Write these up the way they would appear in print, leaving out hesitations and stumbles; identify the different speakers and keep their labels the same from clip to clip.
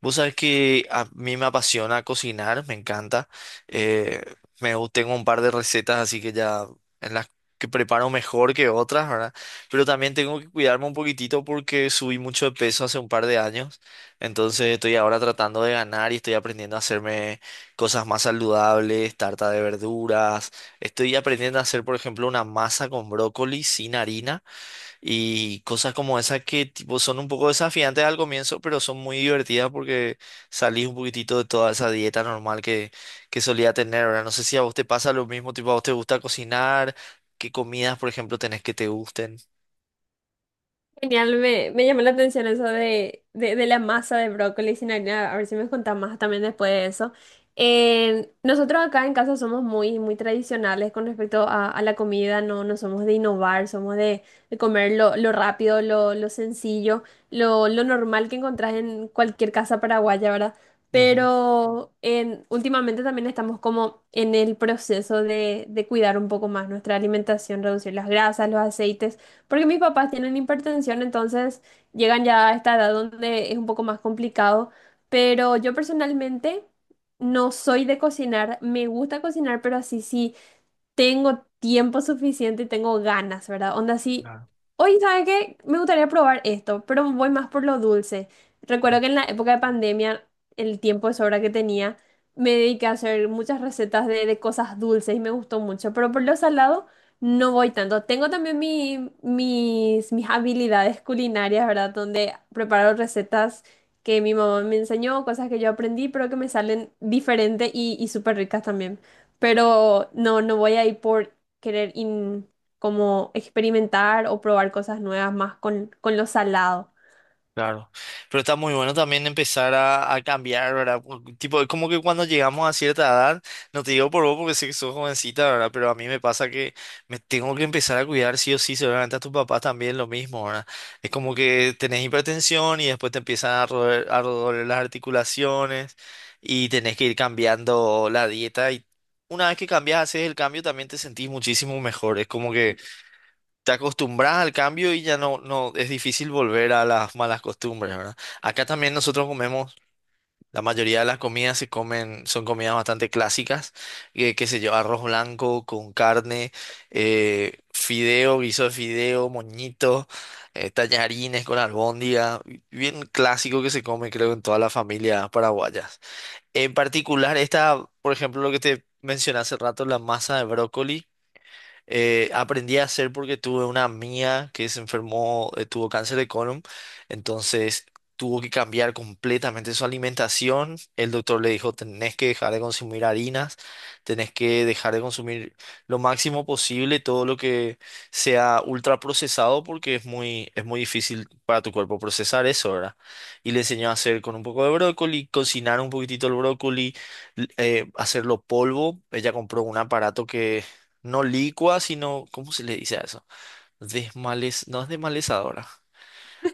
Speaker 1: Vos sabés que a mí me apasiona cocinar, me encanta. Eh, Tengo un par de recetas así que ya en las, que preparo mejor que otras, ¿verdad? Pero también tengo que cuidarme un poquitito porque subí mucho de peso hace un par de años. Entonces estoy ahora tratando de ganar y estoy aprendiendo a hacerme cosas más saludables, tarta de verduras. Estoy aprendiendo a hacer, por ejemplo, una masa con brócoli sin harina y cosas como esas que tipo son un poco desafiantes al comienzo, pero son muy divertidas porque salís un poquitito de toda esa dieta normal que solía tener. Ahora, no sé si a vos te pasa lo mismo, tipo a vos te gusta cocinar, qué comidas, por ejemplo, tenés que te gusten.
Speaker 2: Genial, me llamó la atención eso de la masa de brócoli sin harina. A ver si me contás más también después de eso. Nosotros acá en casa somos muy tradicionales con respecto a la comida, no somos de innovar, somos de comer lo rápido, lo sencillo, lo normal que encontrás en cualquier casa paraguaya, ¿verdad?
Speaker 1: Ujú.
Speaker 2: Últimamente también estamos como en el proceso de cuidar un poco más nuestra alimentación, reducir las grasas, los aceites porque mis papás tienen hipertensión, entonces llegan ya a esta edad donde es un poco más complicado, pero yo personalmente no soy de cocinar, me gusta cocinar, pero así sí tengo tiempo suficiente y tengo ganas, ¿verdad? Onda así, hoy, ¿sabe qué? Me gustaría probar esto, pero voy más por lo dulce. Recuerdo que en la época de pandemia, el tiempo de sobra que tenía, me dediqué a hacer muchas recetas de cosas dulces y me gustó mucho, pero por lo salado no voy tanto. Tengo también mis habilidades culinarias, ¿verdad? Donde preparo recetas que mi mamá me enseñó, cosas que yo aprendí, pero que me salen diferentes y súper ricas también, pero no, no voy a ir por querer como experimentar o probar cosas nuevas más con lo salado.
Speaker 1: Claro, pero está muy bueno también empezar a cambiar, ¿verdad? Por- tipo, es como que cuando llegamos a cierta edad, no te digo por vos porque sé que sos jovencita, ¿verdad? Pero a mí me pasa que me tengo que empezar a cuidar sí o sí, seguramente a tus papás también lo mismo, ¿verdad? Es como que tenés hipertensión y después te empiezan a roer- a doler las articulaciones y tenés que ir cambiando la dieta y una vez que cambias, haces el cambio, también te sentís muchísimo mejor, es como que te acostumbras al cambio y ya no es difícil volver a las malas costumbres, ¿verdad? Acá también nosotros comemos, la mayoría de las comidas se comen, son comidas bastante clásicas, que qué sé yo, arroz blanco con carne, fideo, guiso de fideo, moñito, tallarines con albóndiga, bien clásico que se come creo en toda la familia paraguayas. En particular esta, por ejemplo, lo que te mencioné hace rato, la masa de brócoli. Aprendí a hacer porque tuve una amiga que se enfermó, tuvo cáncer de colon, entonces tuvo que cambiar completamente su alimentación. El doctor le dijo, tenés que dejar de consumir harinas, tenés que dejar de consumir lo máximo posible todo lo que sea ultraprocesado porque es muy difícil para tu cuerpo procesar eso, ¿verdad? Y le enseñó a hacer con un poco de brócoli, cocinar un poquitito el brócoli, hacerlo polvo. Ella compró un aparato que no licua, sino, ¿cómo se le dice a eso? Desmales, no es desmalezadora.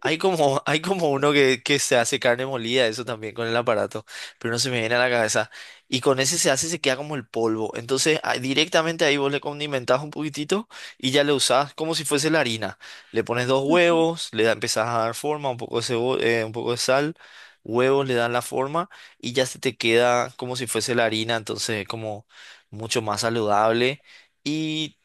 Speaker 1: Hay como, hay como uno que se hace carne molida, eso también con el aparato, pero no se me viene a la cabeza. Y con ese se hace, se queda como el polvo. Entonces, ah, directamente ahí vos le condimentás un poquitito y ya le usás como si fuese la harina. Le pones dos huevos, le da, empezás a dar forma, un poco de sal, huevos le dan la forma y ya se te queda como si fuese la harina, entonces como mucho más saludable. Y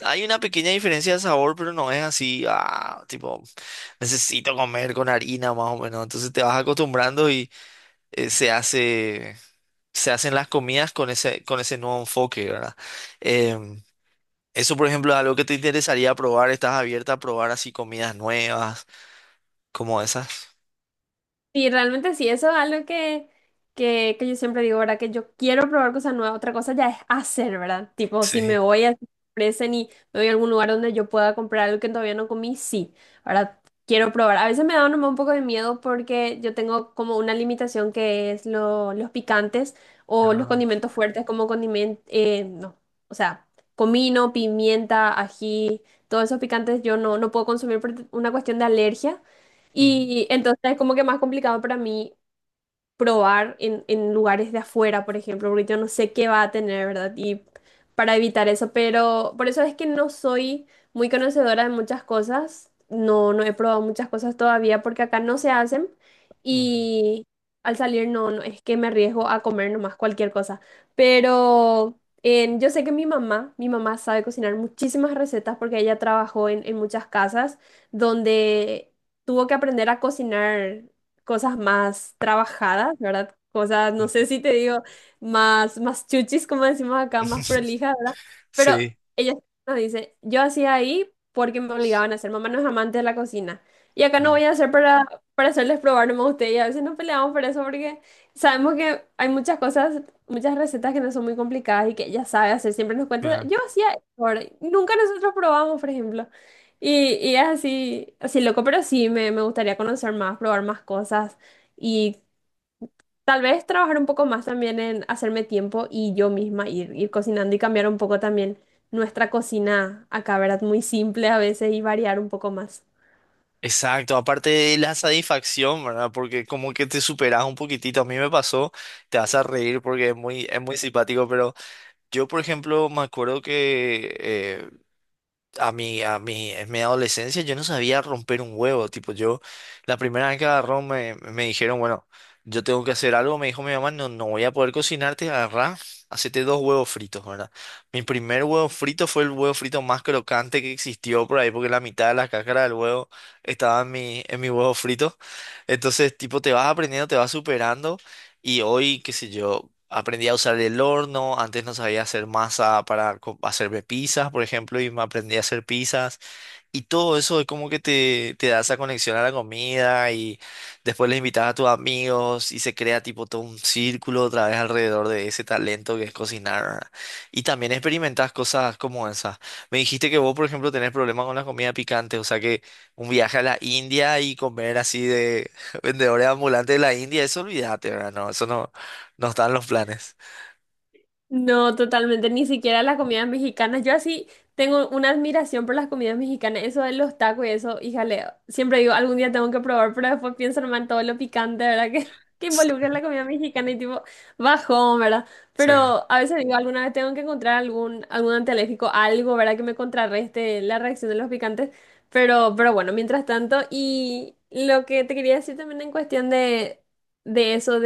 Speaker 1: hay una pequeña diferencia de sabor, pero no es así, ah, tipo, necesito comer con harina más o menos. Entonces te vas acostumbrando y eh, se hace, se hacen las comidas con ese nuevo enfoque, ¿verdad? Em, Eso, por ejemplo, es algo que te interesaría probar. ¿Estás abierta a probar así comidas nuevas, como esas?
Speaker 2: Sí, realmente sí, eso es algo que yo siempre digo, ¿verdad? Que yo quiero probar cosas nuevas, otra cosa ya es hacer, ¿verdad? Tipo, si me
Speaker 1: Sí.
Speaker 2: voy a ofrecen y me voy a algún lugar donde yo pueda comprar algo que todavía no comí, sí, ahora quiero probar. A veces me da nomás un poco de miedo porque yo tengo como una limitación que es los picantes o los
Speaker 1: Ah,
Speaker 2: condimentos fuertes como condimento, no, o sea, comino, pimienta, ají, todos esos picantes yo no, no puedo consumir por una cuestión de alergia.
Speaker 1: mm,
Speaker 2: Y entonces es como que más complicado para mí probar en lugares de afuera, por ejemplo, porque yo no sé qué va a tener, ¿verdad? Y para evitar eso, pero por eso es que no soy muy conocedora de muchas cosas, no, no he probado muchas cosas todavía porque acá no se hacen.
Speaker 1: mm,
Speaker 2: Y al salir no, no es que me arriesgo a comer nomás cualquier cosa, pero... yo sé que mi mamá sabe cocinar muchísimas recetas porque ella trabajó en muchas casas donde tuvo que aprender a cocinar cosas más trabajadas, ¿verdad? Cosas, no
Speaker 1: mm.
Speaker 2: sé si te digo, más chuchis, como decimos acá, más prolijas, ¿verdad? Pero
Speaker 1: Sí.
Speaker 2: ella nos dice, yo hacía ahí porque me obligaban a hacer, mamá no es amante de la cocina. Y acá no voy a hacer para hacerles probar nomás a ustedes. Y a veces nos peleamos por eso porque sabemos que hay muchas cosas, muchas recetas que no son muy complicadas y que ella sabe hacer. Siempre nos cuenta,
Speaker 1: Claro,
Speaker 2: yo hacía esto, ¿verdad? Y nunca nosotros probamos, por ejemplo. Y es así, así loco, pero sí, me gustaría conocer más, probar más cosas y tal vez trabajar un poco más también en hacerme tiempo y yo misma ir, ir cocinando y cambiar un poco también nuestra cocina acá, ¿verdad? Muy simple a veces y variar un poco más.
Speaker 1: exacto, aparte de la satisfacción, ¿verdad? Porque como que te superas un poquitito, a mí me pasó, te vas a reír porque es muy simpático, pero yo, por ejemplo, me acuerdo que en mi adolescencia yo no sabía romper un huevo, tipo yo, la primera vez que agarró me, me dijeron, bueno, yo tengo que hacer algo, me dijo mi mamá, no, no voy a poder cocinarte, agarrá, hacete dos huevos fritos, ¿verdad? Mi primer huevo frito fue el huevo frito más crocante que existió por ahí, porque la mitad de la cáscara del huevo estaba en mi huevo frito, entonces tipo te vas aprendiendo, te vas superando. Y hoy, qué sé yo, aprendí a usar el horno, antes no sabía hacer masa para co- hacerme pizzas, por ejemplo, y me aprendí a hacer pizzas. Y todo eso es como que te da esa conexión a la comida y después les invitas a tus amigos y se crea tipo todo un círculo otra vez alrededor de ese talento que es cocinar, ¿verdad? Y también experimentas cosas como esas. Me dijiste que vos, por ejemplo, tenés problemas con la comida picante, o sea que un viaje a la India y comer así de vendedores ambulantes de la India, eso olvídate, ¿verdad? No, eso no, no está en los planes.
Speaker 2: No, totalmente, ni siquiera las comidas mexicanas. Yo así tengo una admiración por las comidas mexicanas, eso de los tacos y eso, híjale, siempre digo, algún día tengo que probar, pero después pienso nomás en todo lo picante, ¿verdad? Que involucra la comida mexicana y tipo, bajón, ¿verdad?
Speaker 1: Sí.
Speaker 2: Pero a veces digo, alguna vez tengo que encontrar algún, algún antialérgico, algo, ¿verdad? Que me contrarreste la reacción de los picantes, pero bueno, mientras tanto, y lo que te quería decir también en cuestión de eso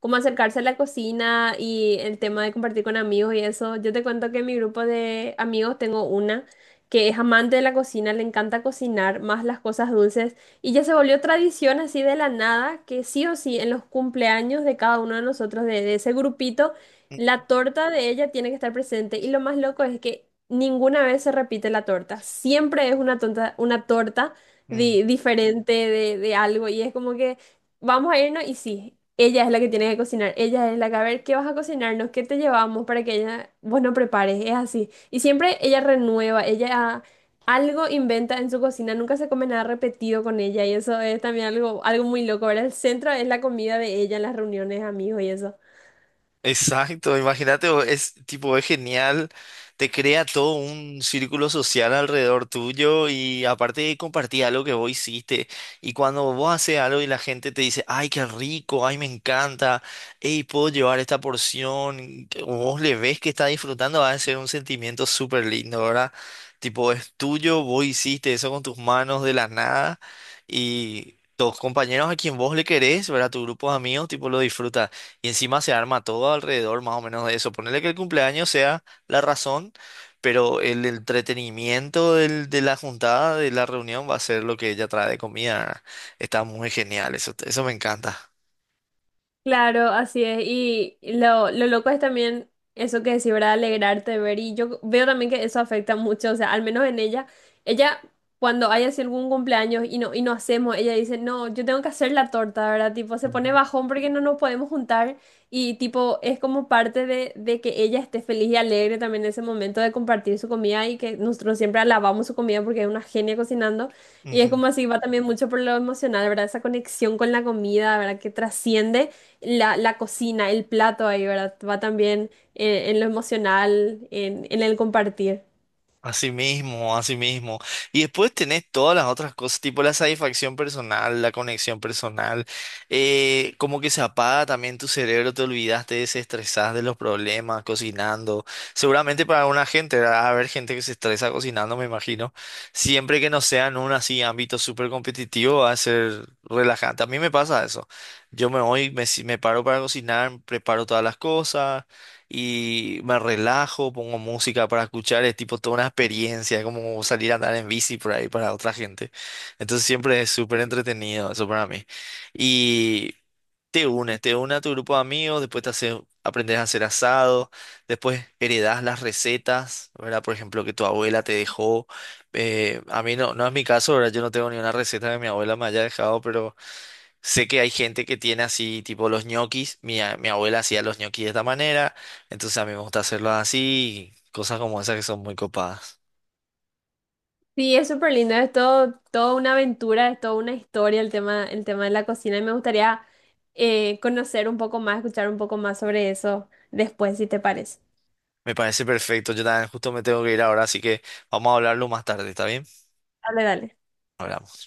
Speaker 2: como acercarse a la cocina y el tema de compartir con amigos y eso. Yo te cuento que en mi grupo de amigos tengo una que es amante de la cocina, le encanta cocinar, más las cosas dulces, y ya se volvió tradición así de la nada, que sí o sí en los cumpleaños de cada uno de nosotros, de ese grupito, la torta de ella tiene que estar presente. Y lo más loco es que ninguna vez se repite la torta, siempre es una, tonta, una torta
Speaker 1: Mm.
Speaker 2: diferente de algo, y es como que vamos a irnos y sí, ella es la que tiene que cocinar, ella es la que a ver qué vas a cocinarnos, qué te llevamos para que ella, vos no prepares, es así. Y siempre ella renueva, ella algo inventa en su cocina, nunca se come nada repetido con ella y eso es también algo, algo muy loco, ¿verdad? El centro es la comida de ella en las reuniones, amigos y eso.
Speaker 1: Exacto, imagínate, o- es tipo, es genial, te crea todo un círculo social alrededor tuyo y aparte compartí algo que vos hiciste y cuando vos haces algo y la gente te dice, ay, qué rico, ay, me encanta, hey, puedo llevar esta porción, que vos le ves que está disfrutando, va a ser un sentimiento súper lindo, ¿verdad? Tipo, es tuyo, vos hiciste eso con tus manos de la nada y... tus compañeros a quien vos le querés, ¿verdad? Tu grupo de amigos, tipo, lo disfruta. Y encima se arma todo alrededor más o menos de eso. Ponerle que el cumpleaños sea la razón, pero el entretenimiento del- de la juntada, de la reunión, va a ser lo que ella trae de comida. Está muy genial, eso me encanta.
Speaker 2: Claro, así es. Y lo loco es también eso que decís, ¿verdad? Alegrarte de ver. Y yo veo también que eso afecta mucho, o sea, al menos en ella. Ella, cuando hay así algún cumpleaños y no hacemos, ella dice, no, yo tengo que hacer la torta, ¿verdad? Tipo, se pone
Speaker 1: Ujú.
Speaker 2: bajón porque no nos podemos juntar. Y tipo, es como parte de que ella esté feliz y alegre también en ese momento de compartir su comida y que nosotros siempre alabamos su comida porque es una genia cocinando. Y es
Speaker 1: Ujú.
Speaker 2: como así, va también mucho por lo emocional, ¿verdad? Esa conexión con la comida, ¿verdad? Que trasciende la cocina, el plato ahí, ¿verdad? Va también en lo emocional, en el compartir.
Speaker 1: Así mismo, así mismo. Y después tenés todas las otras cosas, tipo la satisfacción personal, la conexión personal, como que se apaga también tu cerebro, te olvidas, te desestresás de los problemas cocinando. Seguramente para alguna gente, ¿verdad?, va a haber gente que se estresa cocinando, me imagino. Siempre que no sea en un así ámbito súper competitivo, va a ser relajante. A mí me pasa eso. Yo me voy, me, si- me paro para cocinar, preparo todas las cosas y me relajo, pongo música para escuchar, es tipo toda una experiencia, como salir a andar en bici por ahí para otra gente. Entonces siempre es súper entretenido eso para mí. Y te unes, te une a tu grupo de amigos, después te hace, aprendes a hacer asado, después heredas las recetas, ¿verdad? Por ejemplo, que tu abuela te dejó. A mí no es mi caso, ¿verdad? Yo no tengo ni una receta que mi abuela me haya dejado. Sé que hay gente que tiene así, tipo los ñoquis. Mi abuela hacía los ñoquis de esta manera, entonces a mí me gusta hacerlos así, y cosas como esas que son muy copadas.
Speaker 2: Sí, es súper lindo, es todo, toda una aventura, es toda una historia el tema de la cocina y me gustaría conocer un poco más, escuchar un poco más sobre eso después, si te parece.
Speaker 1: Me parece perfecto. Yo también justo me tengo que ir ahora, así que vamos a hablarlo más tarde, ¿está bien?
Speaker 2: Dale, dale.
Speaker 1: Hablamos.